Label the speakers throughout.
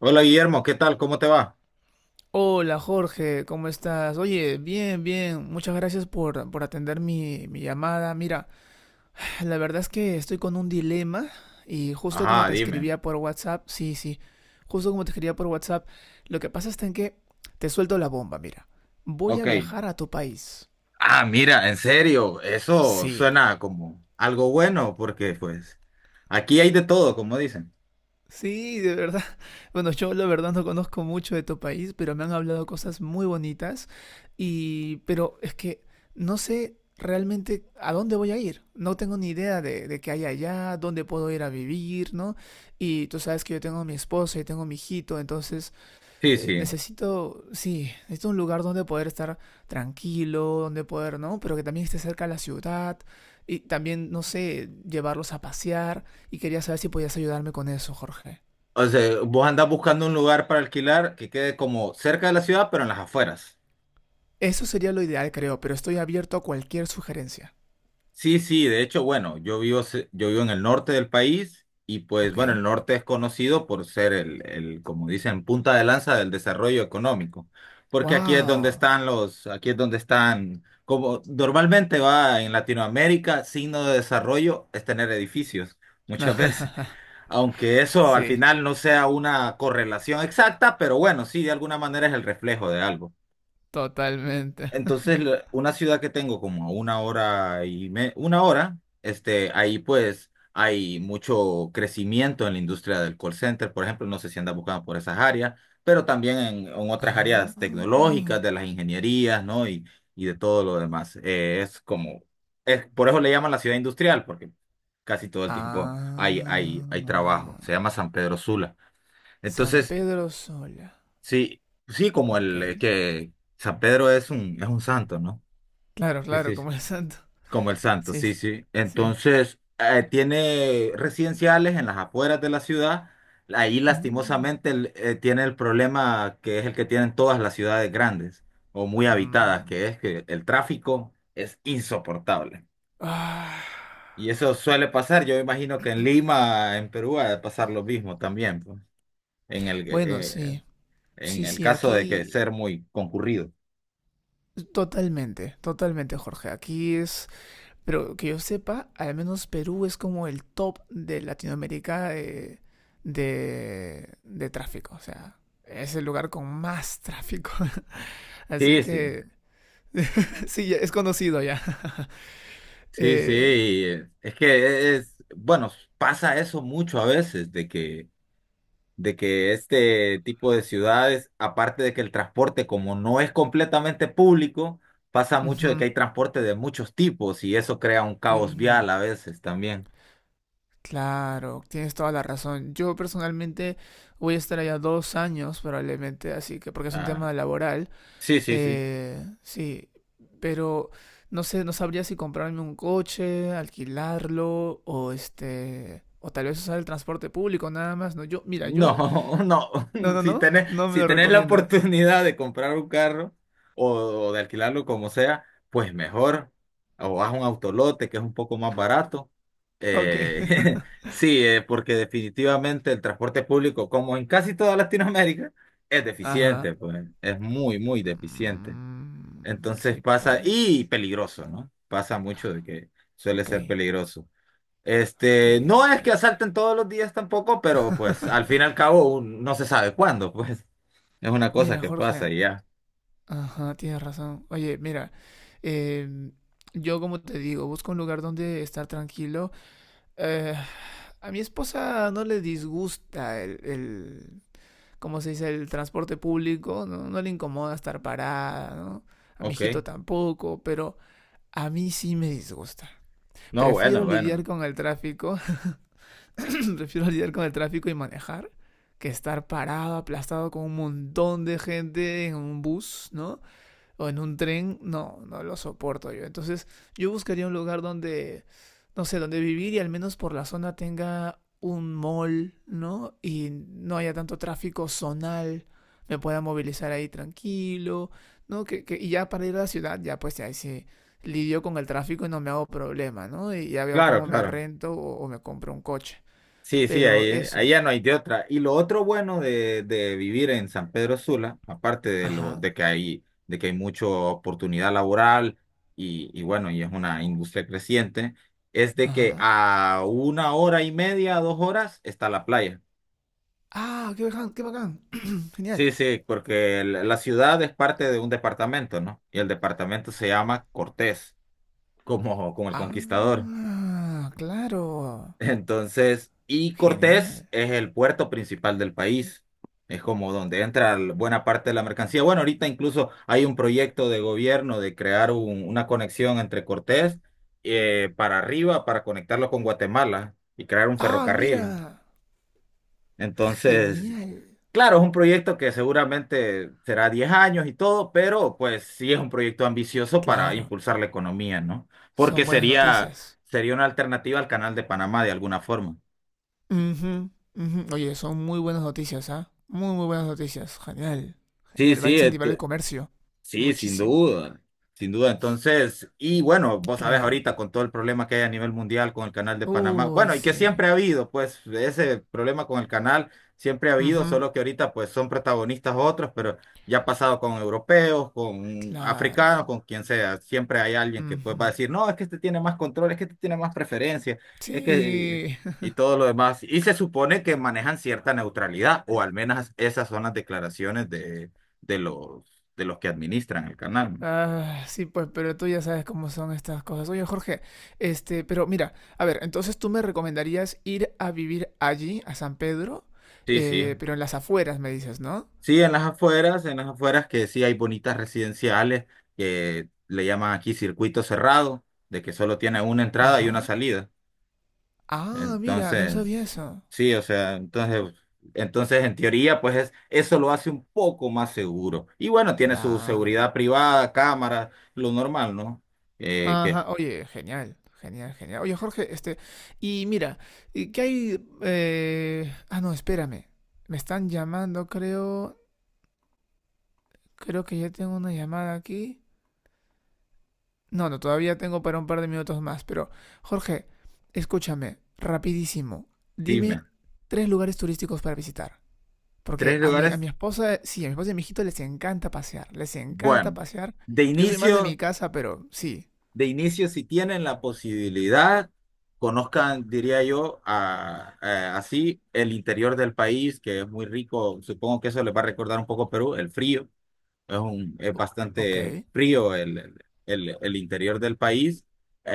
Speaker 1: Hola Guillermo, ¿qué tal? ¿Cómo te va?
Speaker 2: Hola Jorge, ¿cómo estás? Oye, bien, bien, muchas gracias por atender mi llamada. Mira, la verdad es que estoy con un dilema y justo como
Speaker 1: Ajá,
Speaker 2: te
Speaker 1: dime.
Speaker 2: escribía por WhatsApp, sí, sí, justo como te escribía por WhatsApp, lo que pasa está en que te suelto la bomba, mira, voy a
Speaker 1: Ok.
Speaker 2: viajar a tu país.
Speaker 1: Ah, mira, en serio, eso
Speaker 2: Sí,
Speaker 1: suena como algo bueno porque pues aquí hay de todo, como dicen.
Speaker 2: sí, de verdad. Bueno, yo la verdad no conozco mucho de tu país, pero me han hablado cosas muy bonitas y pero es que no sé realmente a dónde voy a ir. No tengo ni idea de qué hay allá, dónde puedo ir a vivir, ¿no? Y tú sabes que yo tengo a mi esposo y tengo a mi hijito, entonces
Speaker 1: Sí, sí.
Speaker 2: necesito, sí, necesito un lugar donde poder estar tranquilo, donde poder, ¿no? Pero que también esté cerca de la ciudad y también, no sé, llevarlos a pasear y quería saber si podías ayudarme con eso, Jorge.
Speaker 1: O sea, vos andás buscando un lugar para alquilar que quede como cerca de la ciudad, pero en las afueras.
Speaker 2: Eso sería lo ideal, creo, pero estoy abierto a cualquier sugerencia.
Speaker 1: Sí, sí, de hecho, bueno, yo vivo en el norte del país y pues
Speaker 2: Ok.
Speaker 1: bueno, el norte es conocido por ser como dicen, punta de lanza del desarrollo económico, porque aquí es donde
Speaker 2: Wow.
Speaker 1: están como normalmente va en Latinoamérica, signo de desarrollo es tener edificios, muchas veces, aunque eso al
Speaker 2: Sí,
Speaker 1: final no sea una correlación exacta, pero bueno, sí, de alguna manera es el reflejo de algo.
Speaker 2: totalmente.
Speaker 1: Entonces, una ciudad que tengo como a una hora una hora, ahí pues hay mucho crecimiento en la industria del call center, por ejemplo, no sé si andas buscando por esas áreas, pero también en otras
Speaker 2: Ah.
Speaker 1: áreas tecnológicas,
Speaker 2: No.
Speaker 1: de las ingenierías, ¿no? Y de todo lo demás. Por eso le llaman la ciudad industrial, porque casi todo el tiempo hay trabajo. Se
Speaker 2: Ah.
Speaker 1: llama San Pedro Sula.
Speaker 2: San
Speaker 1: Entonces,
Speaker 2: Pedro Sola.
Speaker 1: sí, sí, como
Speaker 2: Ok.
Speaker 1: el que San Pedro es un santo, ¿no?
Speaker 2: Claro,
Speaker 1: Sí,
Speaker 2: claro,
Speaker 1: sí, sí.
Speaker 2: como el santo.
Speaker 1: Como el santo,
Speaker 2: Sí,
Speaker 1: sí,
Speaker 2: sí,
Speaker 1: sí.
Speaker 2: sí.
Speaker 1: Entonces, tiene residenciales en las afueras de la ciudad. Ahí
Speaker 2: Mm.
Speaker 1: lastimosamente tiene el problema que es el que tienen todas las ciudades grandes o muy habitadas,
Speaker 2: Mm.
Speaker 1: que es que el tráfico es insoportable.
Speaker 2: Ah.
Speaker 1: Y eso suele pasar, yo imagino que en Lima, en Perú, ha de pasar lo mismo también, pues, en el,
Speaker 2: Bueno,
Speaker 1: eh,
Speaker 2: sí.
Speaker 1: en
Speaker 2: Sí,
Speaker 1: el
Speaker 2: sí,
Speaker 1: caso de que ser
Speaker 2: aquí
Speaker 1: muy concurrido.
Speaker 2: totalmente, totalmente, Jorge. Aquí es Pero que yo sepa, al menos Perú es como el top de Latinoamérica de tráfico. O sea, es el lugar con más tráfico. Así
Speaker 1: Sí, sí.
Speaker 2: que sí, es conocido ya.
Speaker 1: Sí, sí,
Speaker 2: Eh,
Speaker 1: bueno, pasa eso mucho a veces, de que este tipo de ciudades, aparte de que el transporte, como no es completamente público, pasa mucho de que
Speaker 2: ujú,
Speaker 1: hay transporte de muchos tipos y eso crea un caos
Speaker 2: ujú.
Speaker 1: vial a veces también.
Speaker 2: Claro, tienes toda la razón. Yo personalmente voy a estar allá 2 años probablemente, así que porque es un
Speaker 1: Ah,
Speaker 2: tema laboral.
Speaker 1: sí, sí, sí.
Speaker 2: Sí, pero no sé, no sabría si comprarme un coche, alquilarlo o o tal vez usar el transporte público nada más. No, yo, mira, yo,
Speaker 1: No, no.
Speaker 2: no, no,
Speaker 1: Si
Speaker 2: no,
Speaker 1: tenés,
Speaker 2: no me
Speaker 1: si
Speaker 2: lo
Speaker 1: tenés la
Speaker 2: recomiendas.
Speaker 1: oportunidad de comprar un carro o, o de alquilarlo como sea, pues mejor. O vas a un autolote que es un poco más barato.
Speaker 2: Ok.
Speaker 1: Eh, sí, porque definitivamente el transporte público, como en casi toda Latinoamérica, es
Speaker 2: Ajá.
Speaker 1: deficiente, pues es muy, muy deficiente.
Speaker 2: Mm,
Speaker 1: Entonces
Speaker 2: sí,
Speaker 1: pasa, y
Speaker 2: pues.
Speaker 1: peligroso, ¿no? Pasa mucho de que suele
Speaker 2: Ok,
Speaker 1: ser peligroso.
Speaker 2: ok,
Speaker 1: Este, no
Speaker 2: ok,
Speaker 1: es que
Speaker 2: ok.
Speaker 1: asalten todos los días tampoco, pero pues al fin y al cabo no se sabe cuándo, pues es una cosa
Speaker 2: Mira,
Speaker 1: que pasa
Speaker 2: Jorge.
Speaker 1: y ya.
Speaker 2: Ajá, tienes razón. Oye, mira, em, yo como te digo, busco un lugar donde estar tranquilo. Eh, A mi esposa no le disgusta el ¿cómo se dice? El transporte público, ¿no? No le incomoda estar parada, ¿no? A mi
Speaker 1: Ok.
Speaker 2: hijito tampoco, pero a mí sí me disgusta.
Speaker 1: No, bueno,
Speaker 2: Prefiero
Speaker 1: bueno.
Speaker 2: lidiar con el tráfico, prefiero lidiar con el tráfico y manejar que estar parado, aplastado con un montón de gente en un bus, ¿no? O en un tren, no, no lo soporto yo. Entonces yo buscaría un lugar donde, no sé, donde vivir y al menos por la zona tenga un mall, ¿no? Y no haya tanto tráfico zonal, me pueda movilizar ahí tranquilo, ¿no? Y ya para ir a la ciudad, ya pues ahí sí lidio con el tráfico y no me hago problema, ¿no? Y ya veo
Speaker 1: Claro,
Speaker 2: cómo me
Speaker 1: claro.
Speaker 2: rento o me compro un coche.
Speaker 1: Sí, sí,
Speaker 2: Pero
Speaker 1: ahí
Speaker 2: eso.
Speaker 1: ya no hay de otra. Y lo otro bueno de vivir en San Pedro Sula, aparte de lo
Speaker 2: Ajá,
Speaker 1: de que hay mucha oportunidad laboral y bueno, y es una industria creciente, es de que
Speaker 2: ajá.
Speaker 1: a una hora y media, 2 horas está la playa.
Speaker 2: Ah, qué bacán, qué bacán. Genial.
Speaker 1: Sí, sí, porque la ciudad es parte de un departamento, ¿no? Y el departamento se llama Cortés, como el conquistador.
Speaker 2: Ah, claro.
Speaker 1: Entonces, y Cortés
Speaker 2: Genial.
Speaker 1: es el puerto principal del país. Es como donde entra buena parte de la mercancía. Bueno, ahorita incluso hay un proyecto de gobierno de crear una conexión entre Cortés para arriba, para conectarlo con Guatemala y crear un
Speaker 2: Ah,
Speaker 1: ferrocarril.
Speaker 2: mira.
Speaker 1: Entonces,
Speaker 2: Genial.
Speaker 1: claro, es un proyecto que seguramente será 10 años y todo, pero pues sí es un proyecto ambicioso para
Speaker 2: Claro.
Speaker 1: impulsar la economía, ¿no? Porque
Speaker 2: Son buenas noticias.
Speaker 1: sería una alternativa al Canal de Panamá de alguna forma.
Speaker 2: Ujú, ujú. Oye, son muy buenas noticias, ¿ah? Muy, muy buenas noticias. Genial.
Speaker 1: Sí,
Speaker 2: Genial. Va a
Speaker 1: sí,
Speaker 2: incentivar el comercio.
Speaker 1: sí, sin
Speaker 2: Muchísimo.
Speaker 1: duda, sin duda. Entonces, y bueno, vos sabés
Speaker 2: Claro.
Speaker 1: ahorita con todo el problema que hay a nivel mundial con el canal de Panamá,
Speaker 2: Uy,
Speaker 1: bueno, y que
Speaker 2: sí.
Speaker 1: siempre ha habido, pues ese problema con el canal siempre ha habido,
Speaker 2: Ujú,
Speaker 1: solo que ahorita pues son protagonistas otros, pero ya ha pasado con europeos, con
Speaker 2: claro.
Speaker 1: africanos, con quien sea, siempre hay alguien que pues va a
Speaker 2: Ujú.
Speaker 1: decir, no, es que este tiene más control, es que este tiene más preferencia, es que...
Speaker 2: Sí.
Speaker 1: y todo lo demás. Y se supone que manejan cierta neutralidad, o al menos esas son las declaraciones de... de los de los que administran el canal.
Speaker 2: Ah, sí, pues, pero tú ya sabes cómo son estas cosas. Oye, Jorge, pero mira, a ver, entonces tú me recomendarías ir a vivir allí, a San Pedro,
Speaker 1: Sí, sí.
Speaker 2: pero en las afueras, me dices, ¿no?
Speaker 1: Sí, en las afueras que sí hay bonitas residenciales que le llaman aquí circuito cerrado, de que solo tiene una entrada y una
Speaker 2: Ajá.
Speaker 1: salida.
Speaker 2: Ah, mira, no sabía
Speaker 1: Entonces,
Speaker 2: eso.
Speaker 1: sí, o sea, entonces, en teoría, pues eso lo hace un poco más seguro. Y bueno, tiene su
Speaker 2: Claro.
Speaker 1: seguridad privada, cámaras, lo normal, ¿no? Eh, que,
Speaker 2: Ajá, oye, genial, genial, genial. Oye, Jorge, y mira, ¿qué hay? Ah, no, espérame. Me están llamando, creo, que ya tengo una llamada aquí. No, no, todavía tengo para un par de minutos más, pero Jorge, escúchame, rapidísimo,
Speaker 1: dime,
Speaker 2: dime tres lugares turísticos para visitar. Porque
Speaker 1: tres
Speaker 2: a mi, a
Speaker 1: lugares,
Speaker 2: mi esposa, sí, a mi esposa y a mi hijito les encanta pasear, les encanta
Speaker 1: bueno,
Speaker 2: pasear.
Speaker 1: de
Speaker 2: Yo soy más de mi
Speaker 1: inicio.
Speaker 2: casa, pero sí.
Speaker 1: de inicio, si tienen la posibilidad, conozcan, diría yo, así el interior del país, que es muy rico. Supongo que eso les va a recordar un poco Perú, el frío. Es
Speaker 2: O- Ok.
Speaker 1: bastante frío el interior del país.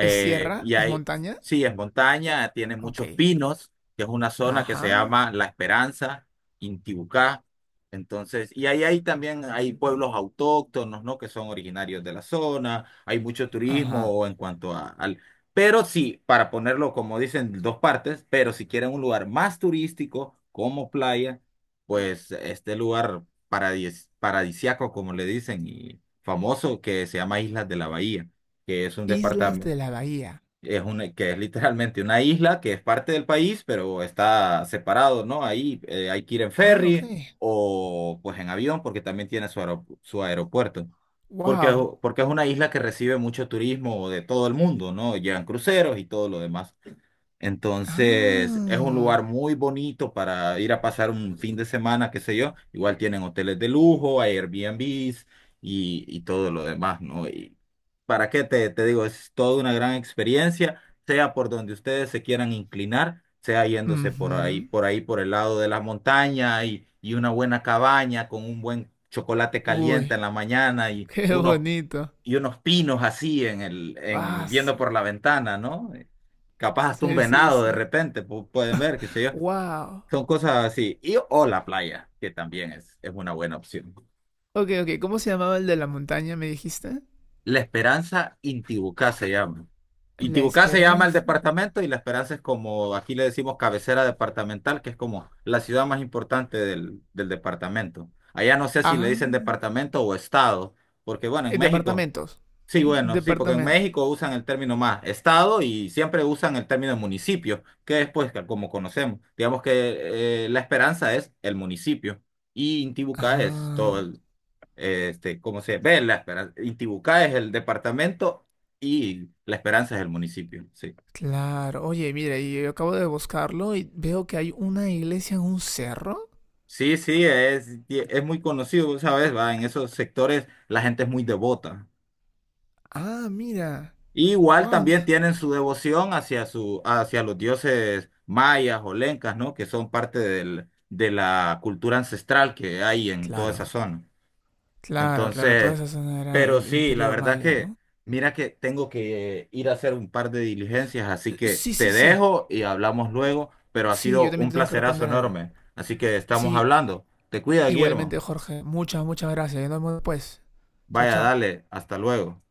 Speaker 2: ¿Es sierra?
Speaker 1: y
Speaker 2: ¿Es
Speaker 1: hay,
Speaker 2: montaña?
Speaker 1: sí, es montaña, tiene
Speaker 2: Ok.
Speaker 1: muchos pinos, que es una zona que se
Speaker 2: Ajá.
Speaker 1: llama La Esperanza, Intibucá. Entonces, y ahí hay también hay pueblos autóctonos, ¿no? Que son originarios de la zona, hay mucho
Speaker 2: Ajá.
Speaker 1: turismo en cuanto a, al... Pero sí, para ponerlo, como dicen, dos partes, pero si quieren un lugar más turístico, como playa, pues este lugar paradisiaco, como le dicen, y famoso que se llama Islas de la Bahía, que es un
Speaker 2: Islas
Speaker 1: departamento,
Speaker 2: de la Bahía.
Speaker 1: que es literalmente una isla que es parte del país, pero está separado, ¿no? Ahí hay que ir en
Speaker 2: Ah, ok.
Speaker 1: ferry o pues en avión, porque también tiene su aeropuerto. Porque,
Speaker 2: Wow.
Speaker 1: porque es una isla que recibe mucho turismo de todo el mundo, ¿no? Llegan cruceros y todo lo demás. Entonces, es un lugar
Speaker 2: Ah.
Speaker 1: muy bonito para ir a pasar un fin de semana, qué sé yo. Igual tienen hoteles de lujo, Airbnbs y todo lo demás, ¿no? Y para qué te digo, es toda una gran experiencia, sea por donde ustedes se quieran inclinar, sea yéndose por ahí,
Speaker 2: Ujú.
Speaker 1: por ahí, por el lado de la montaña y una buena cabaña con un buen chocolate caliente
Speaker 2: Uy,
Speaker 1: en la mañana
Speaker 2: qué bonito.
Speaker 1: y unos pinos así
Speaker 2: Ah,
Speaker 1: en, viendo por la ventana, ¿no? Capaz hasta un
Speaker 2: sí, sí,
Speaker 1: venado de
Speaker 2: sí.
Speaker 1: repente, pueden ver, qué sé yo.
Speaker 2: Wow.
Speaker 1: Son cosas así. Y o la playa, que también es una buena opción.
Speaker 2: Ok, ok. ¿Cómo se llamaba el de la montaña, me dijiste?
Speaker 1: La Esperanza Intibucá se llama.
Speaker 2: La
Speaker 1: Intibucá se llama el
Speaker 2: Esperanza.
Speaker 1: departamento y La Esperanza es como, aquí le decimos cabecera departamental, que es como la ciudad más importante del departamento. Allá no sé si le
Speaker 2: Ah.
Speaker 1: dicen departamento o estado, porque bueno, en México.
Speaker 2: Departamentos.
Speaker 1: Sí, bueno, sí, porque en
Speaker 2: Departamento.
Speaker 1: México usan el término más estado y siempre usan el término municipio, que después, que como conocemos, digamos que La Esperanza es el municipio y Intibucá es todo
Speaker 2: Ah,
Speaker 1: ¿cómo se ve La Esperanza? Intibucá es el departamento y La Esperanza es el municipio, sí.
Speaker 2: claro. Oye, mira, y yo acabo de buscarlo y veo que hay una iglesia en un cerro.
Speaker 1: Sí, sí, es muy conocido, ¿sabes? Va, en esos sectores la gente es muy devota.
Speaker 2: Ah, mira.
Speaker 1: Igual
Speaker 2: Wow.
Speaker 1: también tienen su devoción hacia los dioses mayas o lencas, ¿no? Que son parte de la cultura ancestral que hay en toda esa
Speaker 2: Claro.
Speaker 1: zona.
Speaker 2: Claro, claro. Toda
Speaker 1: Entonces,
Speaker 2: esa zona era
Speaker 1: pero
Speaker 2: el
Speaker 1: sí,
Speaker 2: Imperio Maya, ¿no?
Speaker 1: mira que tengo que ir a hacer un par de diligencias, así que
Speaker 2: Sí, sí,
Speaker 1: te
Speaker 2: sí.
Speaker 1: dejo y hablamos luego, pero ha
Speaker 2: Sí, yo
Speaker 1: sido
Speaker 2: también
Speaker 1: un
Speaker 2: tengo que
Speaker 1: placerazo
Speaker 2: responder algo.
Speaker 1: enorme. Así que estamos
Speaker 2: Sí,
Speaker 1: hablando. Te cuida,
Speaker 2: igualmente,
Speaker 1: Guillermo.
Speaker 2: Jorge. Muchas, muchas gracias. Nos vemos después. Chao,
Speaker 1: Vaya,
Speaker 2: chao.
Speaker 1: dale, hasta luego.